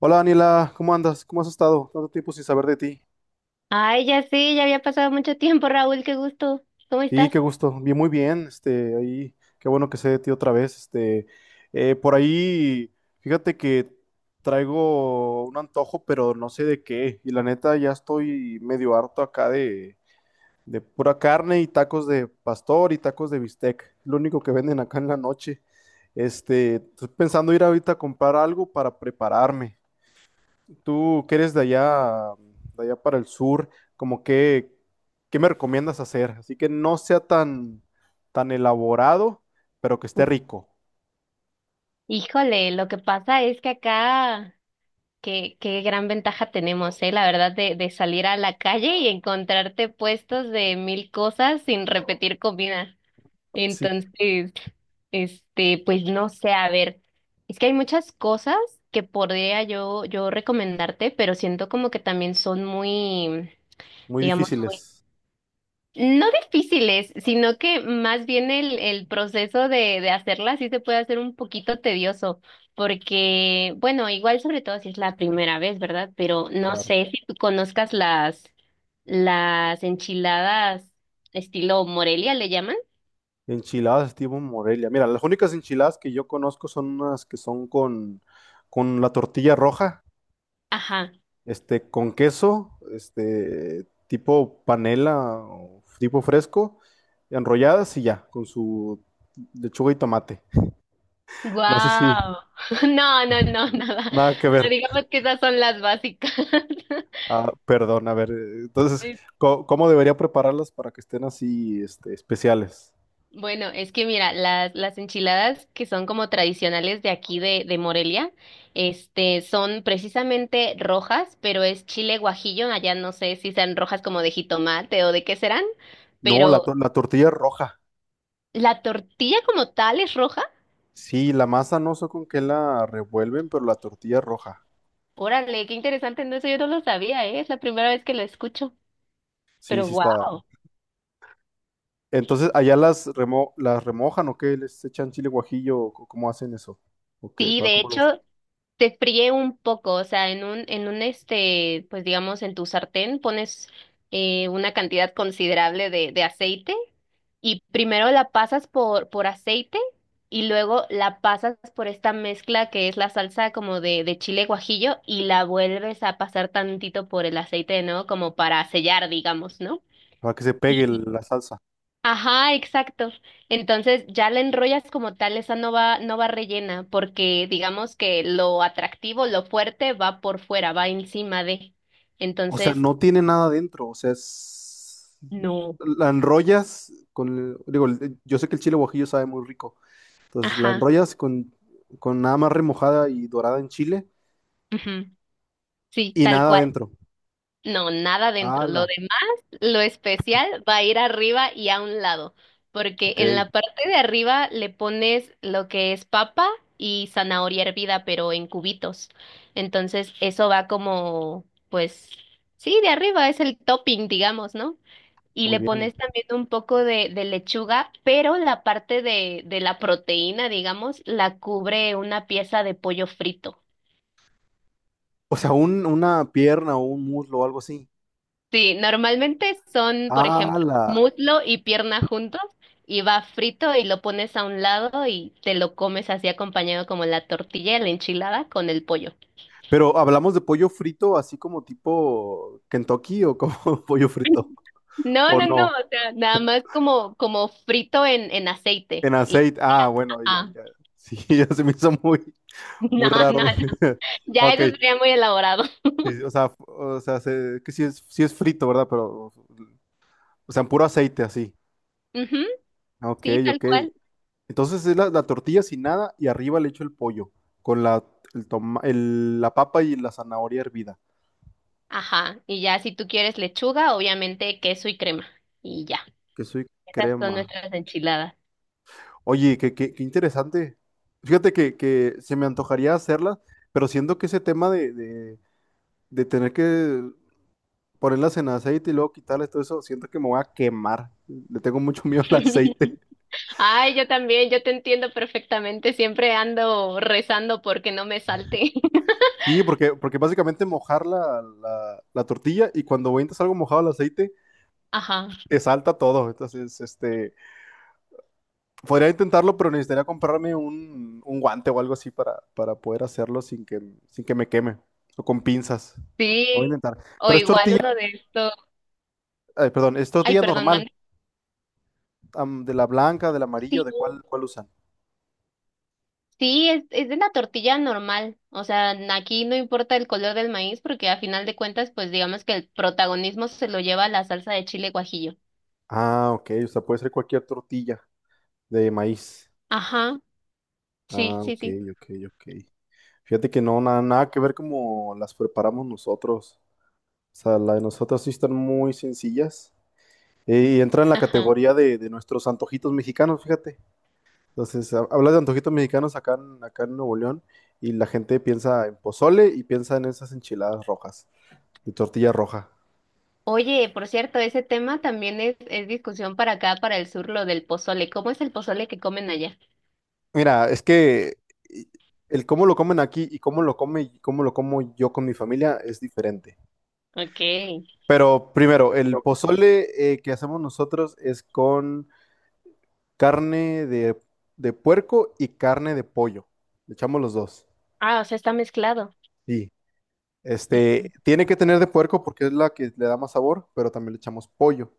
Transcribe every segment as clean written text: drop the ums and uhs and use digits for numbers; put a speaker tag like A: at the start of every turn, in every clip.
A: Hola Daniela, ¿cómo andas? ¿Cómo has estado? Tanto tiempo sin saber de ti.
B: Ay, ya sé, ya había pasado mucho tiempo, Raúl, qué gusto. ¿Cómo
A: Sí,
B: estás?
A: qué gusto. Bien, muy bien. Ahí, qué bueno que sé de ti otra vez. Por ahí, fíjate que traigo un antojo, pero no sé de qué. Y la neta, ya estoy medio harto acá de pura carne y tacos de pastor y tacos de bistec. Lo único que venden acá en la noche. Estoy pensando ir ahorita a comprar algo para prepararme. Tú que eres de allá para el sur, como que, ¿qué me recomiendas hacer? Así que no sea tan elaborado, pero que esté rico.
B: Híjole, lo que pasa es que acá, qué gran ventaja tenemos, la verdad, de salir a la calle y encontrarte puestos de mil cosas sin repetir comida.
A: Sí,
B: Entonces, pues no sé, a ver, es que hay muchas cosas que podría yo recomendarte, pero siento como que también son muy,
A: muy
B: digamos,
A: difíciles.
B: no difíciles, sino que más bien el proceso de hacerla sí se puede hacer un poquito tedioso, porque, bueno, igual sobre todo si es la primera vez, ¿verdad? Pero no
A: Claro.
B: sé si tú conozcas las enchiladas estilo Morelia, ¿le llaman?
A: Enchiladas estilo Morelia. Mira, las únicas enchiladas que yo conozco son unas que son con la tortilla roja,
B: Ajá.
A: con queso, tipo panela o tipo fresco, enrolladas y ya, con su lechuga y tomate. No sé si,
B: Guau. No, no, no, nada.
A: nada que ver.
B: No, digamos que esas son las básicas.
A: Ah, perdón, a ver. Entonces, ¿cómo debería prepararlas para que estén así, especiales?
B: Bueno, es que mira, las enchiladas que son como tradicionales de aquí de Morelia, este, son precisamente rojas, pero es chile guajillo, allá no sé si sean rojas como de jitomate o de qué serán,
A: No,
B: pero
A: la tortilla es roja.
B: la tortilla como tal es roja.
A: Sí, la masa no sé con qué la revuelven, pero la tortilla es roja.
B: Órale, qué interesante, no, eso yo no lo sabía, ¿eh? Es la primera vez que lo escucho,
A: Sí,
B: pero
A: sí
B: wow.
A: está. Entonces, ¿allá las remojan o qué? ¿Les echan chile guajillo? O ¿cómo hacen eso? ¿O qué?
B: Sí,
A: ¿Para,
B: de hecho, se fríe un poco, o sea, en un este, pues digamos, en tu sartén pones una cantidad considerable de aceite y primero la pasas por aceite y luego la pasas por esta mezcla que es la salsa como de chile guajillo y la vuelves a pasar tantito por el aceite de nuevo como para sellar, digamos, ¿no?
A: para que se pegue la salsa?
B: Ajá, exacto. Entonces ya la enrollas como tal, esa no va, no va rellena, porque digamos que lo atractivo, lo fuerte va por fuera, va encima de.
A: O sea,
B: Entonces,
A: no tiene nada dentro. O sea, es...
B: no.
A: La enrollas con... Digo, yo sé que el chile guajillo sabe muy rico. Entonces la
B: Ajá.
A: enrollas con nada más remojada y dorada en chile
B: Ujú, sí,
A: y
B: tal
A: nada
B: cual.
A: adentro.
B: No, nada dentro. Lo
A: ¡Hala!
B: demás, lo especial, va a ir arriba y a un lado, porque
A: Ok,
B: en la parte de arriba le pones lo que es papa y zanahoria hervida, pero en cubitos. Entonces, eso va como, pues, sí, de arriba es el topping, digamos, ¿no? Y
A: muy
B: le
A: bien.
B: pones también un poco de lechuga, pero la parte de la proteína, digamos, la cubre una pieza de pollo frito.
A: O sea, una pierna o un muslo o algo así.
B: Sí, normalmente son, por ejemplo,
A: ¡Hala!
B: muslo y pierna juntos y va frito y lo pones a un lado y te lo comes así acompañado como la tortilla y la enchilada con el pollo.
A: Pero hablamos de pollo frito así como tipo Kentucky o como pollo frito.
B: No,
A: ¿O
B: no, no,
A: no?
B: o sea, nada más como, como frito en aceite.
A: En
B: Y
A: aceite.
B: ya.
A: Ah, bueno, ya,
B: Ajá.
A: ya. Sí, ya se me hizo
B: No,
A: muy raro.
B: no, no. Ya
A: Ok,
B: eso sería muy elaborado.
A: sí, o sea, que sí es frito, ¿verdad? Pero, o sea, en puro aceite así.
B: Ujú,
A: Ok,
B: sí, tal
A: ok.
B: cual.
A: Entonces es la tortilla sin nada y arriba le echo el pollo con la papa y la zanahoria hervida.
B: Ajá. Y ya si tú quieres lechuga, obviamente queso y crema. Y ya.
A: Que soy
B: Esas son
A: crema.
B: nuestras enchiladas.
A: Oye, qué, qué interesante. Fíjate que se me antojaría hacerla, pero siento que ese tema de tener que ponerlas en aceite y luego quitarles todo eso, siento que me voy a quemar. Le tengo mucho miedo al aceite.
B: Ay, yo también, yo te entiendo perfectamente. Siempre ando rezando porque no me salte.
A: Sí, porque básicamente mojar la tortilla y cuando avientas algo mojado al aceite,
B: Ajá.
A: te salta todo. Entonces, este... Podría intentarlo, pero necesitaría comprarme un guante o algo así para poder hacerlo sin sin que me queme. O con pinzas. Lo voy a
B: Sí.
A: intentar.
B: O
A: Pero es
B: igual
A: tortilla,
B: uno de estos.
A: ay, perdón, es
B: Ay,
A: tortilla
B: perdón,
A: normal.
B: mande.
A: Am, de la blanca, del amarillo,
B: Sí,
A: ¿de cuál usan?
B: sí, es de la tortilla normal. O sea, aquí no importa el color del maíz porque a final de cuentas, pues digamos que el protagonismo se lo lleva la salsa de chile guajillo.
A: Ah, ok. O sea, puede ser cualquier tortilla de maíz.
B: Ajá. Sí,
A: Ah,
B: sí,
A: ok,
B: sí.
A: ok, ok. Fíjate que no, nada que ver como las preparamos nosotros. O sea, la de nosotros sí están muy sencillas. Y entra en la
B: Ajá.
A: categoría de nuestros antojitos mexicanos, fíjate. Entonces, hablas de antojitos mexicanos acá en Nuevo León y la gente piensa en pozole y piensa en esas enchiladas rojas, de tortilla roja.
B: Oye, por cierto, ese tema también es discusión para acá, para el sur, lo del pozole. ¿Cómo es el pozole que comen allá?
A: Mira, es que y- el cómo lo comen aquí y cómo lo come y cómo lo como yo con mi familia es diferente.
B: Ok.
A: Pero primero, el pozole que hacemos nosotros es con carne de puerco y carne de pollo. Le echamos los dos.
B: Ah, o sea, está mezclado.
A: Sí.
B: Ujú,
A: Este, tiene que tener de puerco porque es la que le da más sabor, pero también le echamos pollo.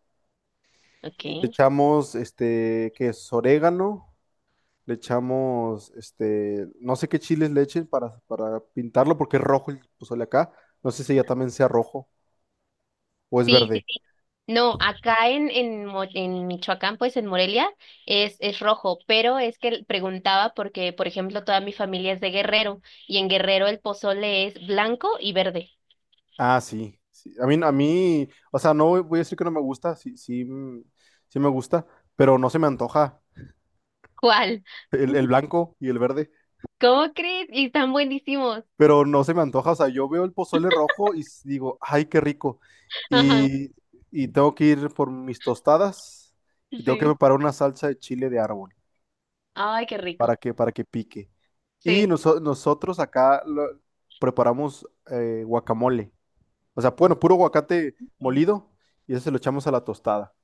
B: ok.
A: Y le echamos, este, ¿qué es? Orégano. Le echamos, este, no sé qué chiles le echen para pintarlo porque es rojo el pozole acá. No sé si ya también sea rojo o es
B: Sí,
A: verde.
B: sí, sí. No, acá en Michoacán, pues en Morelia, es rojo, pero es que preguntaba porque, por ejemplo, toda mi familia es de Guerrero y en Guerrero el pozole es blanco y verde.
A: Ah, sí. Sí. A mí, o sea, no voy a decir que no me gusta, sí, sí, mm, sí me gusta, pero no se me antoja
B: ¿Cuál?
A: el blanco y el verde.
B: ¿Cómo crees? Y están buenísimos.
A: Pero no se me antoja. O sea, yo veo el pozole rojo y digo, ay, qué rico.
B: Ajá,
A: Y, y tengo que ir por mis tostadas y tengo que
B: sí.
A: preparar una salsa de chile de árbol
B: Ay, qué rico.
A: para que pique. Y
B: Sí.
A: nosotros acá preparamos guacamole. O sea, bueno, puro aguacate
B: Sí.
A: molido y eso se lo echamos a la tostada.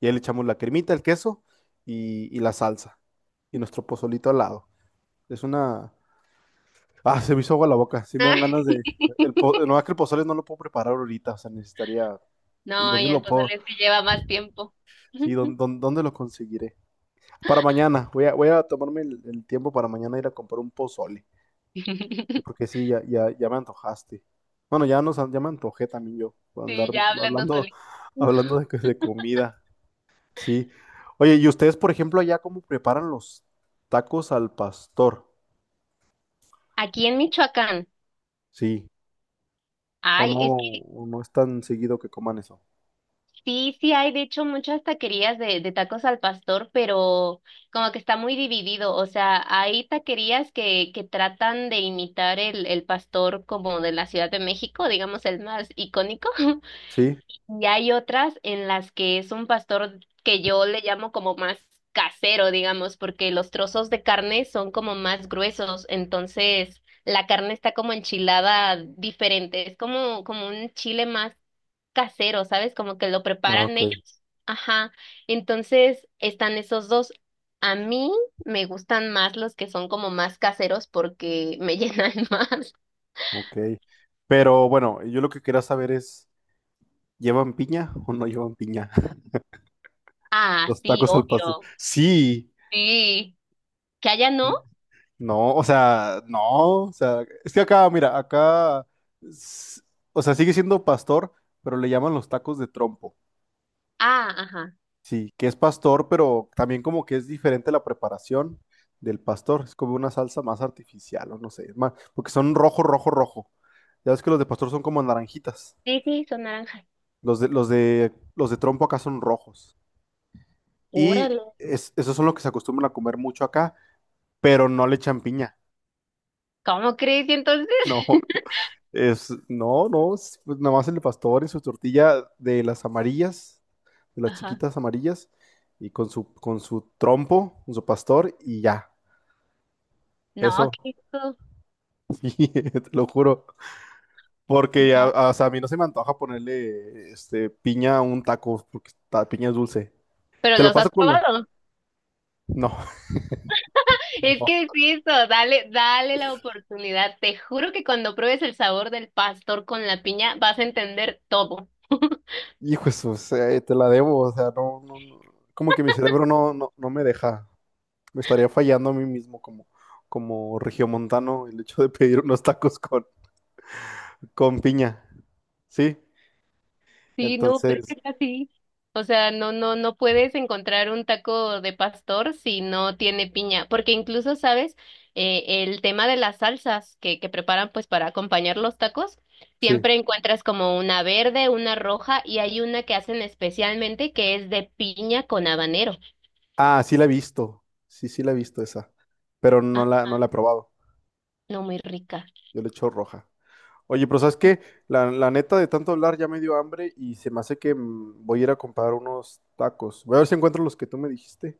A: Y ahí le echamos la cremita, el queso y la salsa. Y nuestro pozolito al lado. Es una, ah, se me hizo agua la boca. Sí me dan ganas de... No, es que el pozole no lo puedo preparar ahorita. O sea, necesitaría... ¿Y
B: No,
A: dónde
B: y el
A: lo puedo?
B: pozole es que lleva más tiempo.
A: Sí, ¿dónde, dónde, dónde lo conseguiré? Para mañana. Voy a, voy a tomarme el tiempo para mañana ir a comprar un pozole. Y porque sí, ya, ya, ya me antojaste. Bueno, ya, nos, ya me antojé también yo. Por
B: Sí,
A: andar
B: ya hablando
A: hablando,
B: solito.
A: hablando de comida. Sí. Oye, ¿y ustedes, por ejemplo, allá cómo preparan los tacos al pastor?
B: Aquí en Michoacán.
A: Sí.
B: Ay, es que
A: O no es tan seguido que coman eso?
B: sí, sí hay, de hecho, muchas taquerías de tacos al pastor, pero como que está muy dividido. O sea, hay taquerías que tratan de imitar el pastor como de la Ciudad de México, digamos el más icónico,
A: Sí.
B: y hay otras en las que es un pastor que yo le llamo como más casero, digamos, porque los trozos de carne son como más gruesos, entonces la carne está como enchilada diferente, es como, como un chile más casero, ¿sabes? Como que lo
A: Ah,
B: preparan
A: ok,
B: ellos. Ajá. Entonces están esos dos. A mí me gustan más los que son como más caseros porque me llenan más.
A: ok. Pero bueno, yo lo que quería saber es, ¿llevan piña o no llevan piña?
B: Ah,
A: Los
B: sí,
A: tacos al pastor.
B: obvio.
A: Sí.
B: Sí. ¿Que allá no?
A: No, o sea, no, o sea, es que acá, mira, acá, s- o sea, sigue siendo pastor, pero le llaman los tacos de trompo.
B: Ah, ajá.
A: Sí, que es pastor, pero también como que es diferente la preparación del pastor. Es como una salsa más artificial, o no sé, más, porque son rojo, rojo, rojo. Ya ves que los de pastor son como naranjitas.
B: Sí, sí, son naranjas.
A: Los de trompo acá son rojos. Y
B: Órale.
A: esos son los que se acostumbran a comer mucho acá, pero no le echan piña.
B: ¿Cómo crees? ¿Y entonces?
A: No, es, no, no, es, pues, nada más el pastor y su tortilla de las amarillas, de las
B: Ajá.
A: chiquitas amarillas, y con su trompo, con su pastor, y ya.
B: No,
A: Eso,
B: qué rico.
A: sí, te lo juro. Porque
B: No.
A: o sea, a mí no se me antoja ponerle este, piña a un taco, porque la piña es dulce.
B: ¿Pero
A: Te lo
B: los has
A: paso con la.
B: probado?
A: No,
B: Es
A: no.
B: que es eso, dale, dale la oportunidad. Te juro que cuando pruebes el sabor del pastor con la piña, vas a entender todo.
A: Hijo, de o sea, te la debo, o sea, no, no, no, como que mi cerebro no, no, no me deja, me estaría fallando a mí mismo como, como regiomontano el hecho de pedir unos tacos con piña, ¿sí?
B: Sí, no, pero es que
A: Entonces,
B: es así. O sea, no, no, no puedes encontrar un taco de pastor si no tiene piña, porque incluso, ¿sabes? El tema de las salsas que preparan pues para acompañar los tacos,
A: sí.
B: siempre encuentras como una verde, una roja y hay una que hacen especialmente que es de piña con habanero.
A: Ah, sí la he visto, sí, sí la he visto esa, pero no
B: Ajá.
A: no la he probado,
B: No, muy rica.
A: yo le echo roja. Oye, pero ¿sabes qué? La neta de tanto hablar ya me dio hambre y se me hace que mm, voy a ir a comprar unos tacos. Voy a ver si encuentro los que tú me dijiste.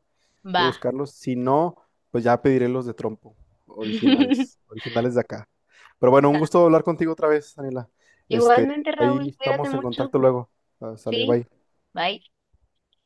A: Voy a
B: Va.
A: buscarlos. Si no, pues ya pediré los de trompo, originales, originales de acá. Pero bueno, un gusto hablar contigo otra vez, Daniela. Este,
B: Igualmente,
A: ahí
B: Raúl, cuídate
A: estamos en
B: mucho.
A: contacto luego. Ah, sale,
B: Sí,
A: bye.
B: bye.